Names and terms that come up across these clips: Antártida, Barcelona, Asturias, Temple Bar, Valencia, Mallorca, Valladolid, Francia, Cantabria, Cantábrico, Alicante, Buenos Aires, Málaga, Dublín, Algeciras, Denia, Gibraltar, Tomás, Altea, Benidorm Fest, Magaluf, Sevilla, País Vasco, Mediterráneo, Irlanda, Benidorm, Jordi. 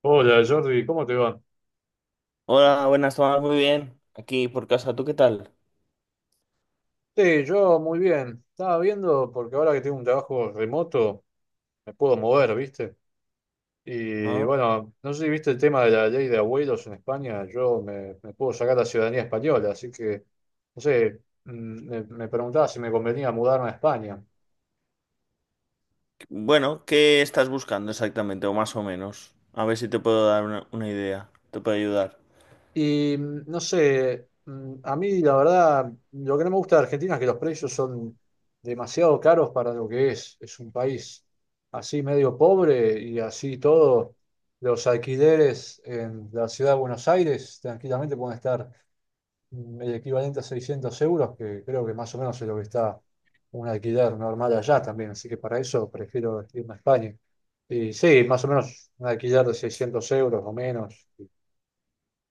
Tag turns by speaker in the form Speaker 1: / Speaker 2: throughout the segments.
Speaker 1: Hola Jordi, ¿cómo te va?
Speaker 2: Hola, buenas, Tomás, muy bien. Aquí por casa, ¿tú qué tal?
Speaker 1: Sí, yo muy bien. Estaba viendo porque ahora que tengo un trabajo remoto me puedo mover, ¿viste? Y
Speaker 2: Ah,
Speaker 1: bueno, no sé si viste el tema de la ley de abuelos en España. Yo me puedo sacar la ciudadanía española, así que, no sé, me preguntaba si me convenía mudarme a España.
Speaker 2: bueno, ¿qué estás buscando exactamente? O más o menos. A ver si te puedo dar una idea, te puedo ayudar.
Speaker 1: Y no sé, a mí la verdad, lo que no me gusta de Argentina es que los precios son demasiado caros para lo que es. Es un país así medio pobre y así todo. Los alquileres en la ciudad de Buenos Aires tranquilamente pueden estar el equivalente a 600 euros, que creo que más o menos es lo que está un alquiler normal allá también. Así que para eso prefiero irme a España. Y sí, más o menos un alquiler de 600 euros o menos.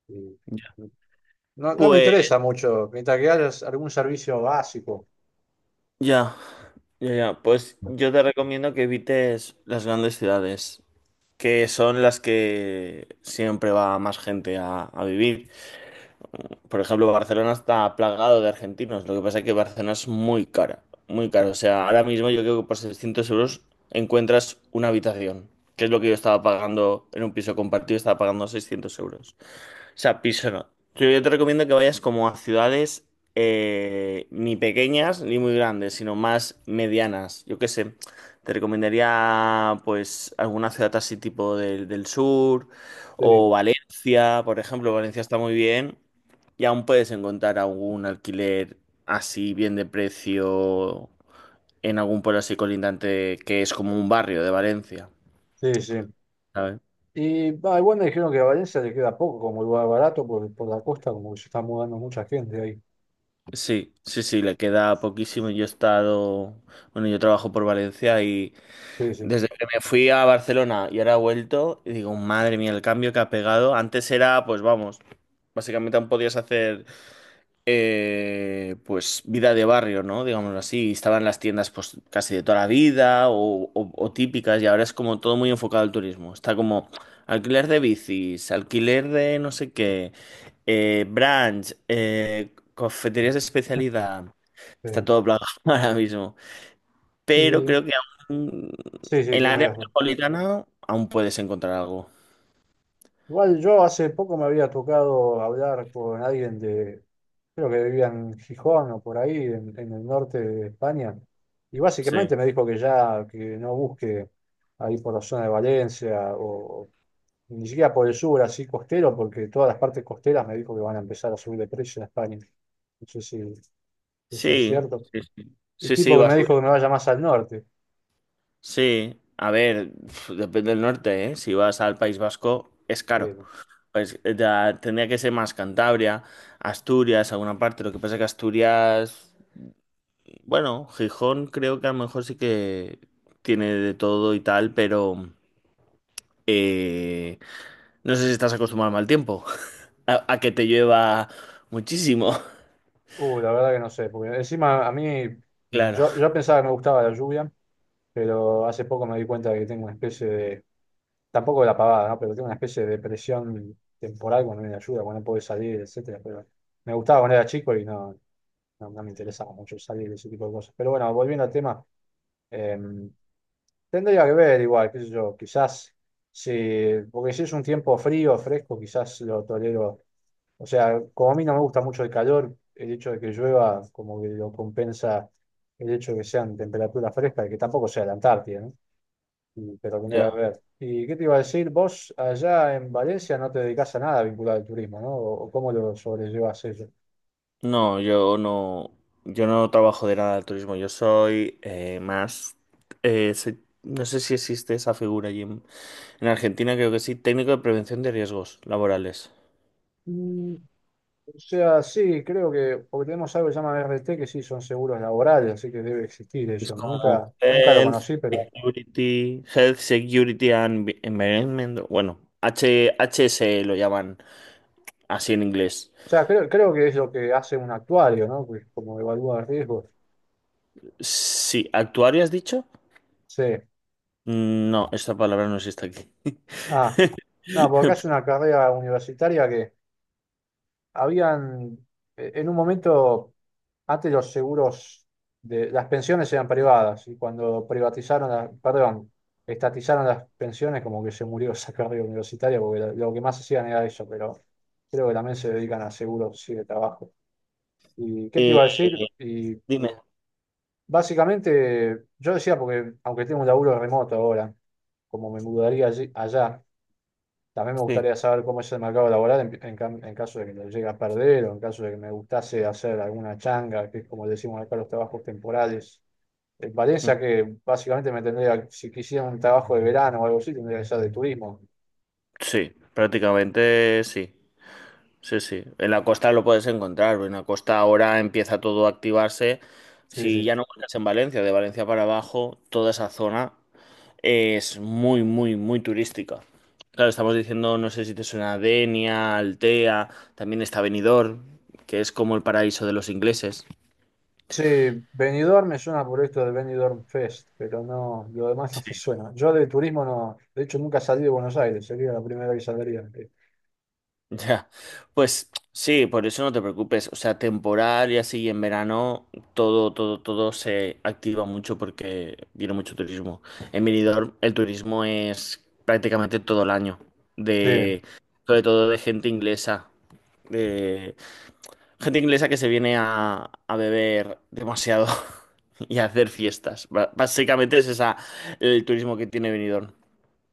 Speaker 1: y-
Speaker 2: Ya.
Speaker 1: y no, no me
Speaker 2: Pues
Speaker 1: interesa mucho, mientras que haya algún servicio básico.
Speaker 2: ya, ya, ya. Pues yo te recomiendo que evites las grandes ciudades, que son las que siempre va más gente a vivir. Por ejemplo, Barcelona está plagado de argentinos. Lo que pasa es que Barcelona es muy cara, muy cara. O sea, ahora mismo yo creo que por 600 euros encuentras una habitación, que es lo que yo estaba pagando en un piso compartido, estaba pagando 600 euros. O sea, piso no. Yo te recomiendo que vayas como a ciudades ni pequeñas ni muy grandes, sino más medianas. Yo qué sé, te recomendaría pues alguna ciudad así tipo del sur
Speaker 1: Sí,
Speaker 2: o Valencia, por ejemplo. Valencia está muy bien y aún puedes encontrar algún alquiler así bien de precio en algún pueblo así colindante que es como un barrio de Valencia,
Speaker 1: sí, sí.
Speaker 2: ¿sabes?
Speaker 1: Y igual me dijeron que a Valencia le queda poco, como lugar barato, por la costa, como que se está mudando mucha gente ahí.
Speaker 2: Sí, sí, sí, le queda poquísimo. Yo he estado, bueno, yo trabajo por Valencia y
Speaker 1: Sí, sí.
Speaker 2: desde que me fui a Barcelona y ahora he vuelto, y digo, madre mía, el cambio que ha pegado. Antes era, pues vamos, básicamente aún podías hacer pues vida de barrio, ¿no? Digámoslo así. Estaban las tiendas pues casi de toda la vida o típicas y ahora es como todo muy enfocado al turismo. Está como alquiler de bicis, alquiler de no sé qué, brunch, cafeterías de especialidad.
Speaker 1: Sí.
Speaker 2: Está todo plagado ahora mismo. Pero
Speaker 1: Y
Speaker 2: creo que aún
Speaker 1: sí, sí,
Speaker 2: en
Speaker 1: que
Speaker 2: la área
Speaker 1: me,
Speaker 2: metropolitana aún puedes encontrar algo.
Speaker 1: igual yo hace poco me había tocado hablar con alguien de, creo que vivía en Gijón o por ahí, en el norte de España, y
Speaker 2: Sí.
Speaker 1: básicamente me dijo que ya, que no busque ahí por la zona de Valencia o ni siquiera por el sur, así costero, porque todas las partes costeras me dijo que van a empezar a subir de precio en España. No sé si eso es
Speaker 2: Sí,
Speaker 1: cierto.
Speaker 2: sí, sí.
Speaker 1: El
Speaker 2: Sí, sí,
Speaker 1: tipo que
Speaker 2: va a
Speaker 1: me
Speaker 2: subir.
Speaker 1: dijo que me vaya más al norte.
Speaker 2: Sí, a ver, pf, depende del norte, ¿eh? Si vas al País Vasco, es caro.
Speaker 1: Sí.
Speaker 2: Pues, ya tendría que ser más Cantabria, Asturias, alguna parte. Lo que pasa es que Asturias, bueno, Gijón creo que a lo mejor sí que tiene de todo y tal, pero eh, no sé si estás acostumbrado al mal tiempo, a que te llueva muchísimo.
Speaker 1: La verdad que no sé, porque encima a mí,
Speaker 2: Claro.
Speaker 1: yo pensaba que me gustaba la lluvia, pero hace poco me di cuenta de que tengo una especie de, tampoco de la pavada, ¿no? Pero tengo una especie de depresión temporal cuando viene la lluvia, cuando no puedo salir, etcétera, pero me gustaba cuando era chico y no, no, no me interesaba mucho salir de ese tipo de cosas. Pero bueno, volviendo al tema, eh, tendría que ver igual, qué sé yo, quizás si, porque si es un tiempo frío, fresco, quizás lo tolero. O sea, como a mí no me gusta mucho el calor, el hecho de que llueva como que lo compensa el hecho de que sean temperaturas frescas y que tampoco sea la Antártida, ¿no? Y te lo tendría que
Speaker 2: Ya.
Speaker 1: ver. ¿Y qué te iba a decir? Vos allá en Valencia no te dedicás a nada vinculado al turismo, ¿no? ¿O cómo lo sobrellevas eso?
Speaker 2: No, yo no trabajo de nada de turismo. Yo soy más, no sé si existe esa figura allí en, Argentina, creo que sí, técnico de prevención de riesgos laborales.
Speaker 1: Mm, O sea, sí, creo que, porque tenemos algo que se llama RT, que sí son seguros laborales, así que debe existir
Speaker 2: Es
Speaker 1: eso.
Speaker 2: como
Speaker 1: Nunca, nunca lo
Speaker 2: Health,
Speaker 1: conocí, pero, o
Speaker 2: Security, Health, Security and Environment, bueno, HSE lo llaman así en inglés.
Speaker 1: sea, creo que es lo que hace un actuario, ¿no? Que como evalúa riesgos.
Speaker 2: Sí, ¿actuario has dicho?
Speaker 1: Sí.
Speaker 2: No, esta palabra no existe aquí.
Speaker 1: Ah, no, porque acá es una carrera universitaria que habían, en un momento, antes los seguros de las pensiones eran privadas y cuando privatizaron, perdón, estatizaron las pensiones, como que se murió esa carrera universitaria porque lo que más hacían era eso, pero creo que también se dedican a seguros, sí, de trabajo. ¿Y qué te
Speaker 2: Eh,
Speaker 1: iba a decir? Y
Speaker 2: Dime,
Speaker 1: básicamente, yo decía, porque aunque tengo un laburo remoto ahora, como me mudaría allá. También me
Speaker 2: sí.
Speaker 1: gustaría saber cómo es el mercado laboral en, en caso de que lo llegue a perder o en caso de que me gustase hacer alguna changa, que es como decimos acá los trabajos temporales. En Valencia, que básicamente me tendría, si quisiera un trabajo de verano o algo así, tendría que ser de turismo.
Speaker 2: Sí, prácticamente sí. Sí, sí. En la costa lo puedes encontrar. En la costa ahora empieza todo a activarse.
Speaker 1: Sí,
Speaker 2: Si
Speaker 1: sí.
Speaker 2: ya no buscas en Valencia, de Valencia para abajo, toda esa zona es muy, muy, muy turística. Claro, estamos diciendo, no sé si te suena Denia, Altea, también está Benidorm, que es como el paraíso de los ingleses.
Speaker 1: Sí, Benidorm me suena por esto del Benidorm Fest, pero no, lo demás no me suena. Yo de turismo no, de hecho nunca salí de Buenos Aires, sería la primera que saldría.
Speaker 2: Ya, pues sí, por eso no te preocupes. O sea, temporal y así en verano todo, todo, todo se activa mucho porque viene mucho turismo. En Benidorm el turismo es prácticamente todo el año,
Speaker 1: Sí.
Speaker 2: de, sobre todo de gente inglesa que se viene a beber demasiado y a hacer fiestas. Básicamente es esa el turismo que tiene Benidorm.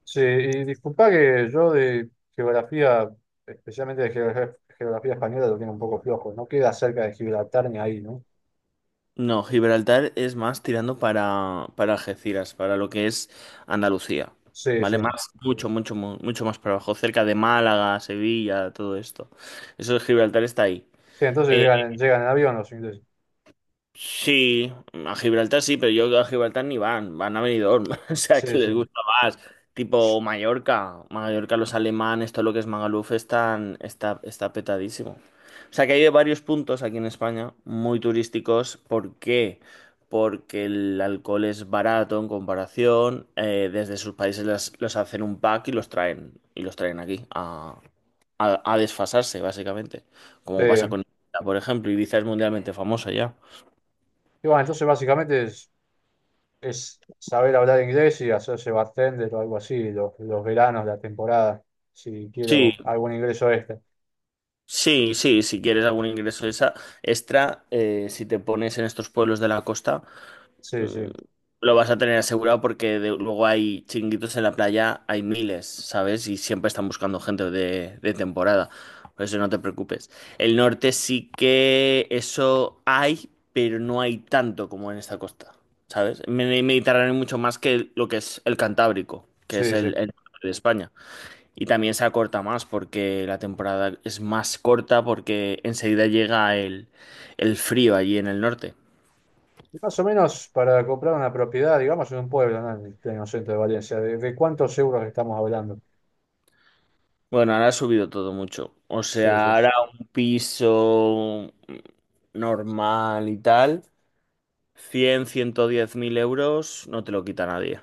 Speaker 1: Sí, y disculpa que yo de geografía, especialmente de geografía española, lo tengo un poco flojo. No queda cerca de Gibraltar ni ahí, ¿no?
Speaker 2: No, Gibraltar es más tirando para, Algeciras, para lo que es Andalucía,
Speaker 1: Sí,
Speaker 2: ¿vale?
Speaker 1: sí.
Speaker 2: Más, mucho, mucho, mucho más para abajo, cerca de Málaga, Sevilla, todo esto. Eso de Gibraltar está ahí.
Speaker 1: Sí, entonces
Speaker 2: Eh,
Speaker 1: llegan en avión los ingleses.
Speaker 2: Sí, a Gibraltar sí, pero yo a Gibraltar ni van, van a Benidorm, o sea, que
Speaker 1: Sí, sí.
Speaker 2: les gusta más, tipo Mallorca, Mallorca los alemanes, todo lo que es Magaluf está petadísimo. O sea, que hay varios puntos aquí en España muy turísticos, ¿por qué? Porque el alcohol es barato en comparación, desde sus países hacen un pack y los traen aquí a, a desfasarse, básicamente,
Speaker 1: Sí.
Speaker 2: como pasa con Ibiza, por ejemplo, Ibiza es mundialmente famosa ya.
Speaker 1: Y bueno, entonces básicamente es, saber hablar inglés y hacerse bartender o algo así, los veranos, la temporada, si
Speaker 2: Sí,
Speaker 1: quiero algún ingreso extra.
Speaker 2: sí, sí, si quieres algún ingreso extra, si te pones en estos pueblos de la costa,
Speaker 1: Sí, sí,
Speaker 2: mm, lo vas a tener asegurado porque luego hay chinguitos en la playa, hay miles, ¿sabes? Y siempre están buscando gente de temporada, por eso no te preocupes. El norte sí que eso hay, pero no hay tanto como en esta costa, ¿sabes? En el Mediterráneo hay mucho más que lo que es el Cantábrico, que es
Speaker 1: sí, sí.
Speaker 2: el norte de España. Y también se acorta más porque la temporada es más corta porque enseguida llega el frío allí en el norte.
Speaker 1: Y más o menos para comprar una propiedad, digamos, en un pueblo, ¿no? En el pleno centro de Valencia, ¿de cuántos euros estamos hablando?
Speaker 2: Bueno, ahora ha subido todo mucho. O
Speaker 1: Sí,
Speaker 2: sea,
Speaker 1: sí.
Speaker 2: ahora un piso normal y tal, ciento diez mil euros no te lo quita nadie.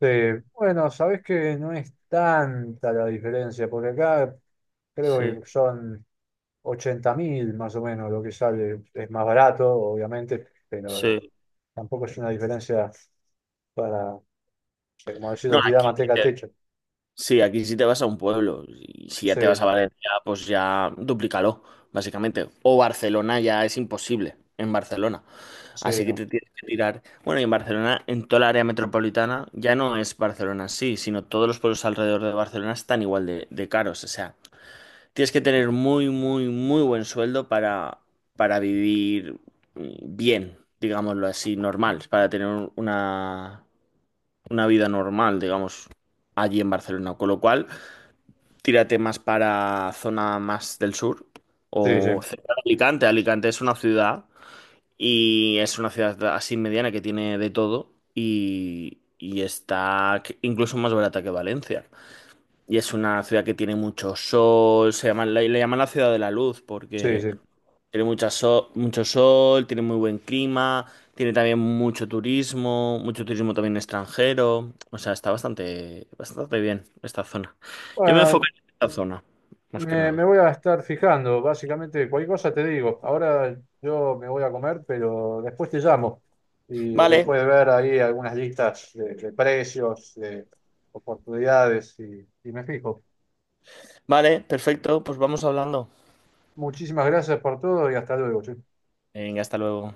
Speaker 1: Bueno, sabés que no es tanta la diferencia, porque acá creo
Speaker 2: Sí,
Speaker 1: que son 80.000 más o menos lo que sale. Es más barato, obviamente, pero
Speaker 2: sí.
Speaker 1: tampoco es una diferencia para, o sea, como
Speaker 2: No,
Speaker 1: decirlo, tirar
Speaker 2: aquí.
Speaker 1: manteca al techo.
Speaker 2: Sí, aquí si te vas a un pueblo. Y si ya
Speaker 1: Sí,
Speaker 2: te vas a
Speaker 1: sí,
Speaker 2: Valencia, pues ya duplícalo, básicamente. O Barcelona ya es imposible en Barcelona.
Speaker 1: sí,
Speaker 2: Así que
Speaker 1: no.
Speaker 2: te tienes que tirar. Bueno, y en Barcelona, en toda la área metropolitana, ya no es Barcelona sí, sino todos los pueblos alrededor de Barcelona están igual de caros. O sea, tienes que tener muy, muy, muy buen sueldo para, vivir bien, digámoslo así, normal, para tener una, una vida normal, digamos, allí en Barcelona. Con lo cual. Tírate más para zona más del sur
Speaker 1: Sí, sí,
Speaker 2: o cerca de Alicante. Alicante es una ciudad y es una ciudad así mediana que tiene de todo y está incluso más barata que Valencia. Y es una ciudad que tiene mucho sol, le llaman la ciudad de la luz
Speaker 1: sí,
Speaker 2: porque
Speaker 1: sí.
Speaker 2: tiene mucho sol, tiene muy buen clima, tiene también mucho turismo también extranjero. O sea, está bastante, bastante bien esta zona. Yo me enfoco
Speaker 1: Bueno,
Speaker 2: en esta zona, más que
Speaker 1: me
Speaker 2: nada.
Speaker 1: voy a estar fijando, básicamente cualquier cosa te digo. Ahora yo me voy a comer, pero después te llamo. Y
Speaker 2: Vale,
Speaker 1: después de ver ahí algunas listas de, precios, de oportunidades, y me fijo.
Speaker 2: vale, perfecto, pues vamos hablando.
Speaker 1: Muchísimas gracias por todo y hasta luego. Che.
Speaker 2: Venga, hasta luego.